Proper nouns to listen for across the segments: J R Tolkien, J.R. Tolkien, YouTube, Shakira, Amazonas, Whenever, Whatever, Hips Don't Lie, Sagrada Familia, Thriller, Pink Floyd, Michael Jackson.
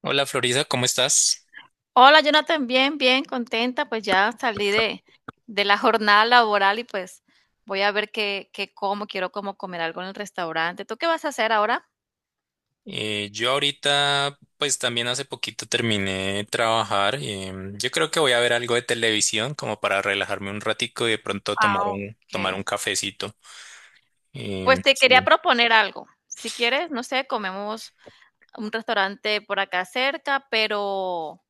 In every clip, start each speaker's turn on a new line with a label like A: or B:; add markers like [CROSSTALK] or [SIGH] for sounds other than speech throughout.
A: Hola Florida, ¿cómo estás?
B: Hola, Jonathan, bien, bien, contenta, pues ya salí de la jornada laboral y pues voy a ver qué como, quiero como comer algo en el restaurante. ¿Tú qué vas a hacer ahora?
A: Yo ahorita, pues también hace poquito terminé de trabajar. Yo creo que voy a ver algo de televisión como para relajarme un ratico y de pronto tomar
B: Ah,
A: un,
B: ok.
A: tomar un cafecito.
B: Pues
A: Em,
B: te quería
A: sí.
B: proponer algo. Si quieres, no sé, comemos a un restaurante por acá cerca, pero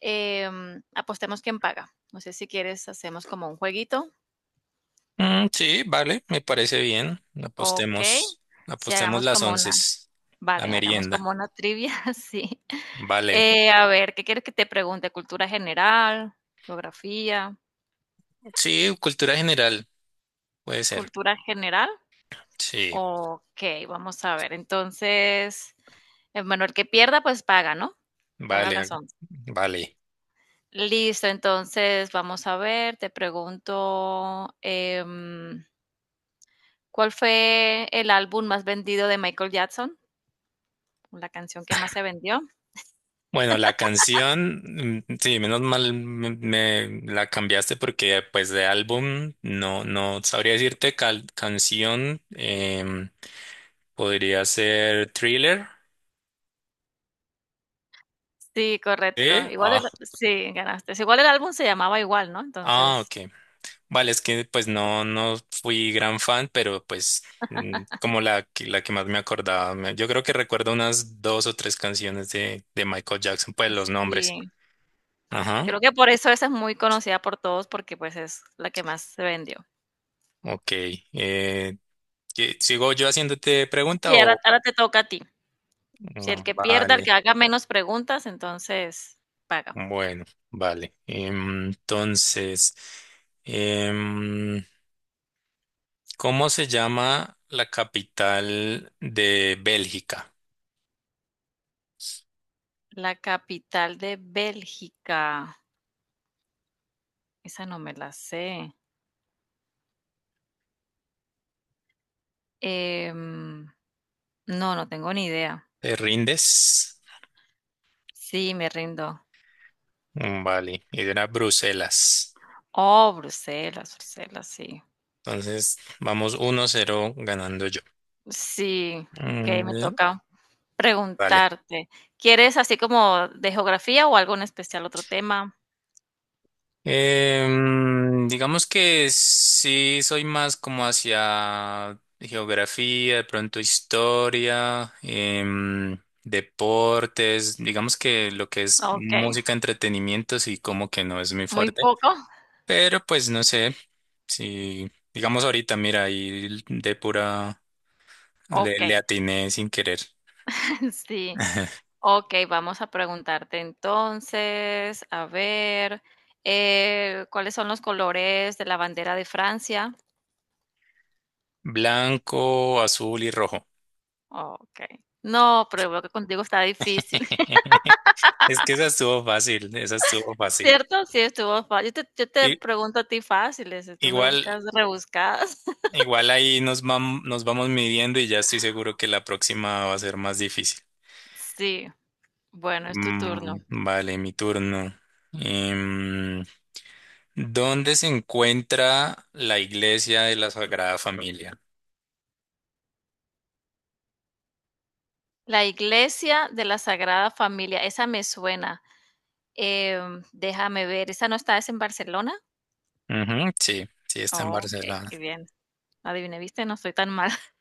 B: apostemos quién paga. No sé si quieres, hacemos como un jueguito.
A: Mm, sí, vale, me parece bien.
B: Ok.
A: Apostemos,
B: Si
A: apostemos
B: hagamos
A: las
B: como
A: once,
B: una.
A: la
B: Vale, hagamos
A: merienda.
B: como una trivia, [LAUGHS] sí.
A: Vale.
B: A ver, ¿qué quieres que te pregunte? ¿Cultura general? ¿Geografía?
A: Sí, cultura general, puede ser.
B: ¿Cultura general?
A: Sí,
B: Ok, vamos a ver. Entonces, bueno, el que pierda, pues paga, ¿no? Paga
A: vale,
B: las 11.
A: vale.
B: Listo, entonces vamos a ver, te pregunto, ¿cuál fue el álbum más vendido de Michael Jackson? La canción que más se vendió.
A: Bueno, la canción, sí, menos mal me la cambiaste porque pues de álbum no sabría decirte canción, podría ser Thriller.
B: Sí, correcto.
A: ¿Eh?
B: Igual el
A: Ah,
B: sí, ganaste. Igual el álbum se llamaba igual, ¿no?
A: ah,
B: Entonces,
A: ok. Vale, es que pues no fui gran fan, pero pues como la que más me acordaba, yo creo que recuerdo unas dos o tres canciones de Michael Jackson, pues los nombres.
B: sí,
A: Ajá,
B: creo que por eso esa es muy conocida por todos, porque, pues, es la que más se vendió.
A: ok. Eh, ¿Sigo yo haciéndote pregunta?
B: Sí, ahora te toca a ti. Si el
A: Mm,
B: que pierda, el que
A: vale,
B: haga menos preguntas, entonces paga.
A: bueno, vale. Entonces, em, ¿cómo se llama la capital de Bélgica?
B: La capital de Bélgica. Esa no me la sé. Em, no, no tengo ni idea.
A: ¿Te rindes?
B: Sí, me rindo.
A: Mm, vale, era Bruselas.
B: Oh, Bruselas, Bruselas, sí.
A: Entonces, vamos 1-0 ganando yo.
B: Sí, okey,
A: Muy
B: me
A: bien.
B: toca
A: Vale,
B: preguntarte. ¿Quieres así como de geografía o algo en especial, otro tema?
A: digamos que sí soy más como hacia geografía, de pronto historia, deportes, digamos que lo que es
B: Okey,
A: música, entretenimiento, sí como que no es muy
B: muy
A: fuerte,
B: poco.
A: pero pues no sé, si digamos ahorita, mira, ahí de pura le
B: Okey,
A: atiné sin querer.
B: [LAUGHS] sí.
A: [LAUGHS]
B: Okey, vamos a preguntarte entonces, a ver, ¿cuáles son los colores de la bandera de Francia?
A: Blanco, azul y rojo.
B: Okey. No, pero veo que contigo está difícil,
A: [LAUGHS] Es que esa estuvo fácil, esa estuvo
B: [LAUGHS]
A: fácil.
B: ¿cierto? Sí, estuvo fa yo te
A: Y,
B: pregunto a ti fáciles, y tú me
A: igual.
B: buscas rebuscadas. [LAUGHS]
A: Igual ahí nos vamos midiendo y ya estoy seguro que la próxima va a ser más difícil.
B: Sí, bueno, es tu turno.
A: Mm, vale, mi turno. Em, ¿Dónde se encuentra la iglesia de la Sagrada Familia?
B: La Iglesia de la Sagrada Familia, esa me suena. Déjame ver, ¿esa no está es en Barcelona?
A: Ujú, sí, sí, está en
B: Oh, okey, qué
A: Barcelona.
B: bien. Adiviné, ¿viste? No estoy tan mal [LAUGHS]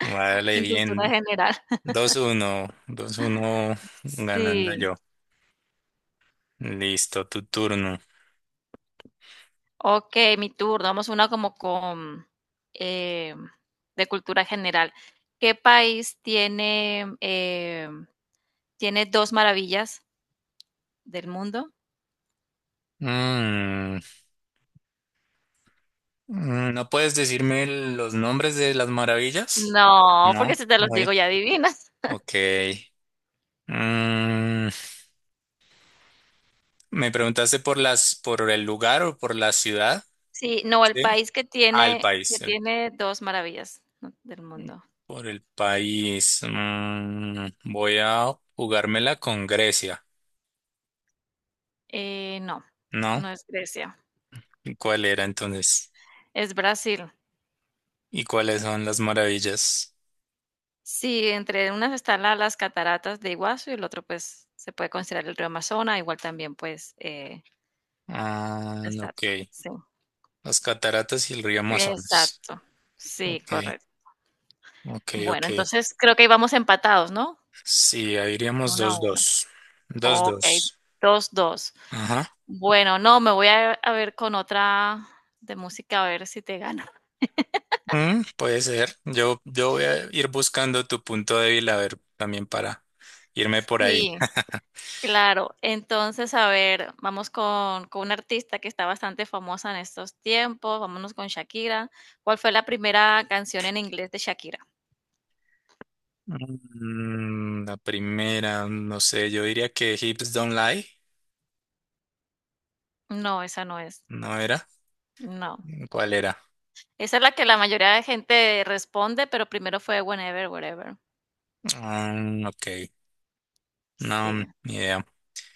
A: Vale,
B: en cultura
A: bien.
B: general.
A: Dos uno ganando
B: Sí.
A: yo. Listo, tu turno.
B: Okey, mi turno. Vamos una como con, em, de cultura general. ¿Qué país tiene 2 maravillas del mundo?
A: Mm, ¿No puedes decirme los nombres de las maravillas?
B: No, porque
A: No,
B: si te los
A: muy.
B: digo ya adivinas.
A: Ok. Mm, ¿Me preguntaste por el lugar o por la ciudad?
B: Sí, no, el
A: Sí.
B: país que
A: Ah, el
B: tiene que
A: país.
B: tiene 2 maravillas, ¿no? del mundo.
A: Por el país. Voy a jugármela con Grecia,
B: No,
A: ¿no?
B: no es Grecia,
A: ¿Y cuál era entonces?
B: es Brasil.
A: ¿Y cuáles son las maravillas?
B: Sí, entre unas están la las cataratas de Iguazú y el otro, pues, se puede considerar el río Amazonas, igual también, pues,
A: Ah,
B: está
A: ok.
B: sí,
A: Las cataratas y el río Amazonas.
B: exacto. Sí,
A: Ok,
B: correcto.
A: ok, ok.
B: Bueno, entonces creo que íbamos empatados, ¿no?
A: Sí, ahí iríamos
B: Uno a
A: dos
B: 1.
A: dos, dos
B: Okey,
A: dos.
B: 2. 2.
A: Ajá.
B: Bueno, no, me voy a ver con otra de música a ver si te gano. [LAUGHS]
A: Puede ser. Yo voy a ir buscando tu punto débil a ver también para irme por ahí.
B: Sí.
A: [LAUGHS]
B: Claro, entonces, a ver, vamos con una artista que está bastante famosa en estos tiempos, vámonos con Shakira. ¿Cuál fue la primera canción en inglés de Shakira?
A: La primera, no sé, yo diría que Hips Don't Lie,
B: No, esa no es,
A: ¿no era?
B: no.
A: ¿Cuál era?
B: Esa es la que la mayoría de gente responde, pero primero fue Whenever, Whatever.
A: Mm, ok, no, ni
B: Sí,
A: idea.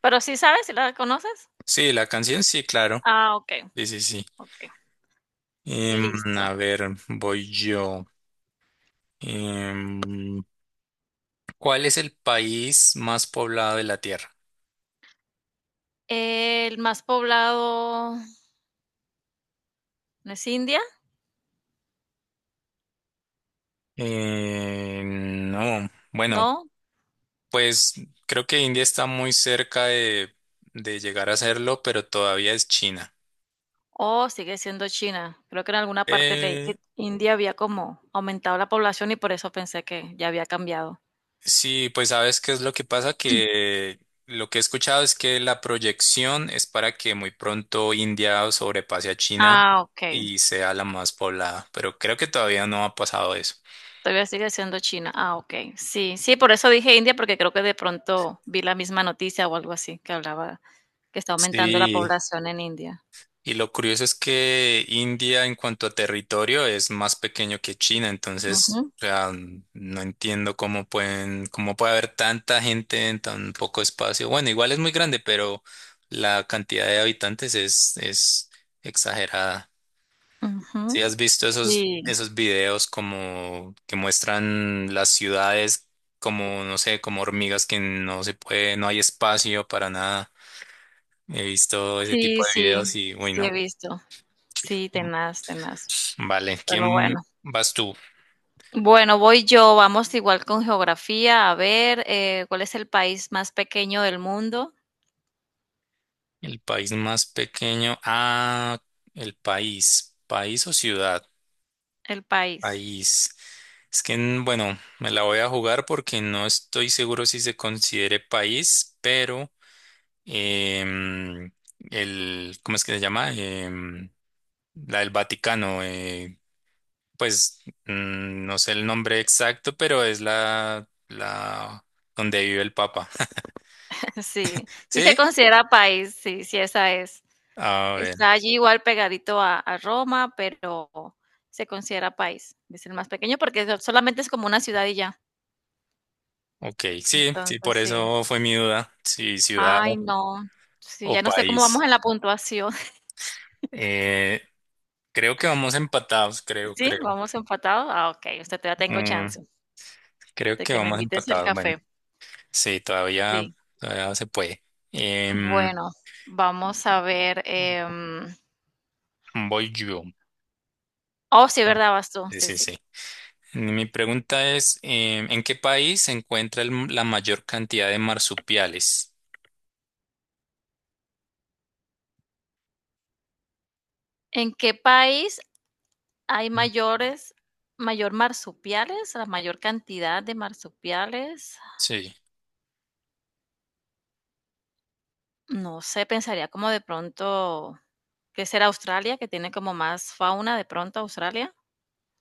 B: pero, ¿sí sabes, si la conoces?
A: Sí, la canción sí, claro.
B: Ah, okey,
A: Sí, sí, sí.
B: okey,
A: Em,
B: listo.
A: a ver, voy yo. Em, ¿Cuál es el país más poblado de la Tierra?
B: El más poblado, ¿no es India?
A: No, bueno.
B: ¿No?
A: Pues creo que India está muy cerca de llegar a hacerlo, pero todavía es China.
B: Oh, sigue siendo China. Creo que en alguna parte de
A: Eh,
B: India había como aumentado la población y por eso pensé que ya había cambiado.
A: sí, pues sabes qué es lo que pasa, que lo que he escuchado es que la proyección es para que muy pronto India sobrepase a China
B: Ah, ok.
A: y sea la más poblada, pero creo que todavía no ha pasado eso.
B: Todavía sigue siendo China. Ah, ok. Sí, sí, por eso dije India, porque creo que de pronto vi la misma noticia o algo así que hablaba que está aumentando la
A: Sí.
B: población en India.
A: Y lo curioso es que India en cuanto a territorio es más pequeño que China, entonces,
B: Ujú,
A: o sea, no entiendo cómo puede haber tanta gente en tan poco espacio. Bueno, igual es muy grande, pero la cantidad de habitantes es exagerada. Si
B: ujú.
A: has visto esos,
B: Sí,
A: esos videos como que muestran las ciudades como, no sé, como hormigas que no se puede, no hay espacio para nada. He visto ese
B: sí,
A: tipo de
B: sí,
A: videos y, uy,
B: sí he
A: no.
B: visto. Sí, tenaz, tenaz.
A: Vale,
B: Pero
A: ¿quién
B: bueno.
A: vas tú?
B: Bueno, voy yo. Vamos igual con geografía. A ver, ¿cuál es el país más pequeño del mundo?
A: El país más pequeño. Ah, el país. ¿País o ciudad?
B: El país.
A: País. Es que, bueno, me la voy a jugar porque no estoy seguro si se considere país, pero em, ¿cómo es que se llama? La del Vaticano. Pues no sé el nombre exacto, pero es la donde vive el Papa.
B: [LAUGHS] Sí,
A: [LAUGHS]
B: sí se
A: ¿Sí?
B: considera país, sí, sí, esa es.
A: A ver.
B: Está allí igual pegadito a Roma, pero se considera país. Es el más pequeño porque solamente es como una ciudad y ya.
A: Ok, sí, sí, por
B: Entonces, sí.
A: eso fue mi duda, si ciudad
B: Ay, no. Sí,
A: o
B: ya no sé cómo vamos
A: país.
B: en la puntuación. [LAUGHS]
A: Eh, Creo que vamos empatados, creo,
B: Sí,
A: creo.
B: vamos empatados. Ah, ok. Usted ya tengo
A: Mm,
B: chance
A: Creo
B: de
A: que
B: que me
A: vamos
B: invites el
A: empatados, bueno,
B: café.
A: sí, todavía,
B: Sí.
A: todavía se puede. Em,
B: Bueno, vamos a ver. em,
A: Voy yo.
B: oh, sí,
A: Ah,
B: ¿verdad, vas tú?
A: sí,
B: Sí,
A: sí,
B: sí.
A: sí. Mi pregunta es, ¿en qué país se encuentra la mayor cantidad de marsupiales?
B: ¿En qué país hay la mayor cantidad de marsupiales?
A: Sí,
B: No sé, pensaría como de pronto, que será Australia, que tiene como más fauna de pronto Australia.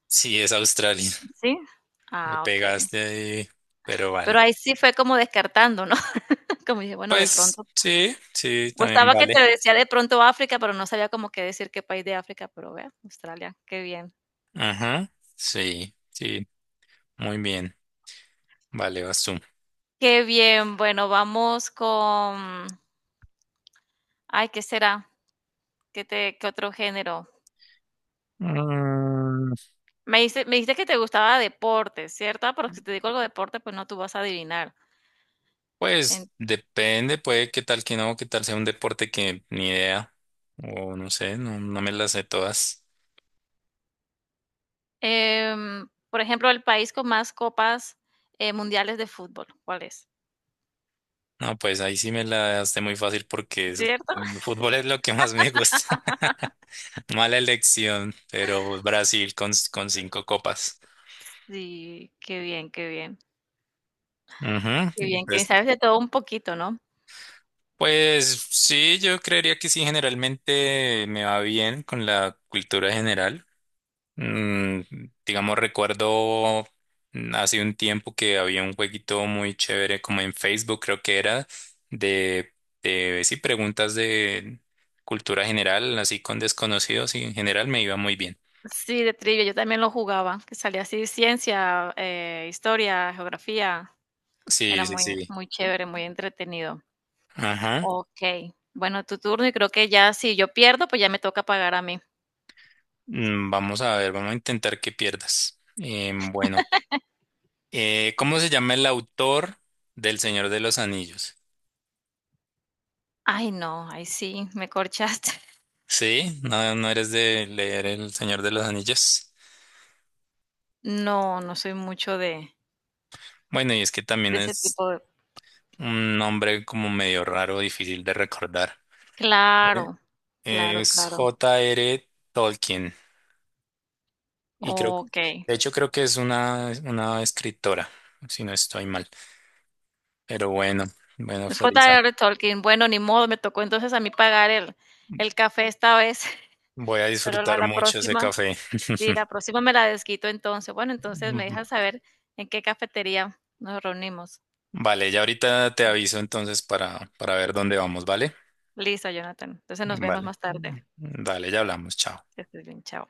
A: sí, es Australia.
B: Sí.
A: Me
B: Ah, ok.
A: pegaste ahí, pero
B: Pero
A: vale.
B: ahí sí fue como descartando, ¿no? [LAUGHS] Como dije, bueno, de
A: Pues
B: pronto.
A: sí, sí,
B: O
A: también
B: estaba que te
A: vale.
B: decía de pronto África, pero no sabía como qué decir qué país de África, pero vea, Australia, qué bien.
A: Ajá, sí, sí, muy bien. Vale, vas tú.
B: Qué bien, bueno, vamos con, ay, ¿qué será? ¿Qué otro género?
A: Mm,
B: Me dijiste que te gustaba deporte, ¿cierto? Pero si te digo algo de deporte, pues no tú vas a adivinar. En-
A: pues depende, puede que tal que no, que tal sea un deporte que ni idea, o no sé, no me las sé todas.
B: por ejemplo, el país con más copas mundiales de fútbol, ¿cuál es?
A: No, pues ahí sí me la hace muy fácil porque
B: ¿Cierto?
A: el fútbol es lo que más me gusta. [LAUGHS] Mala elección, pero Brasil con cinco copas.
B: Sí, qué bien, qué bien,
A: Ujú,
B: qué bien, que
A: Pues,
B: sabes de todo un poquito, ¿no?
A: pues sí, yo creería que sí, generalmente me va bien con la cultura general. Mm, digamos, recuerdo hace un tiempo que había un jueguito muy chévere como en Facebook, creo que era de, de sí, preguntas de cultura general, así con desconocidos y en general me iba muy bien.
B: Sí, de trivia, yo también lo jugaba, que salía así, ciencia, historia, geografía,
A: Sí,
B: era
A: sí,
B: muy,
A: sí.
B: muy chévere, muy entretenido.
A: Ajá.
B: Okey. Bueno, tu turno y creo que ya si yo pierdo, pues ya me toca pagar a mí.
A: Vamos a ver, vamos a intentar que pierdas. Bueno, ¿cómo se llama el autor del Señor de los Anillos?
B: Ay, no, ahí sí me corchaste. [LAUGHS]
A: Sí, no, no eres de leer El Señor de los Anillos.
B: No, no soy mucho de
A: Bueno, y es que también
B: de ese
A: es
B: tipo de
A: un nombre como medio raro, difícil de recordar. ¿Eh?
B: claro, claro,
A: Es
B: claro.
A: J.R. Tolkien. Y creo que,
B: Okey.
A: de hecho, creo que es una escritora, si no estoy mal. Pero bueno, bueno,
B: Es
A: Florisa,
B: J.R. Tolkien. Bueno, ni modo, me tocó entonces a mí pagar el café esta vez,
A: voy a
B: [LAUGHS] pero la
A: disfrutar
B: la
A: mucho ese
B: próxima
A: café.
B: sí, la
A: [LAUGHS]
B: próxima me la desquito entonces. Bueno, entonces me dejas saber en qué cafetería nos reunimos.
A: Vale, ya ahorita te aviso entonces para ver dónde vamos, ¿vale?
B: Listo, Jonathan. Entonces nos vemos
A: Vale.
B: más tarde.
A: Dale, ya hablamos, chao.
B: Que estés bien, chao.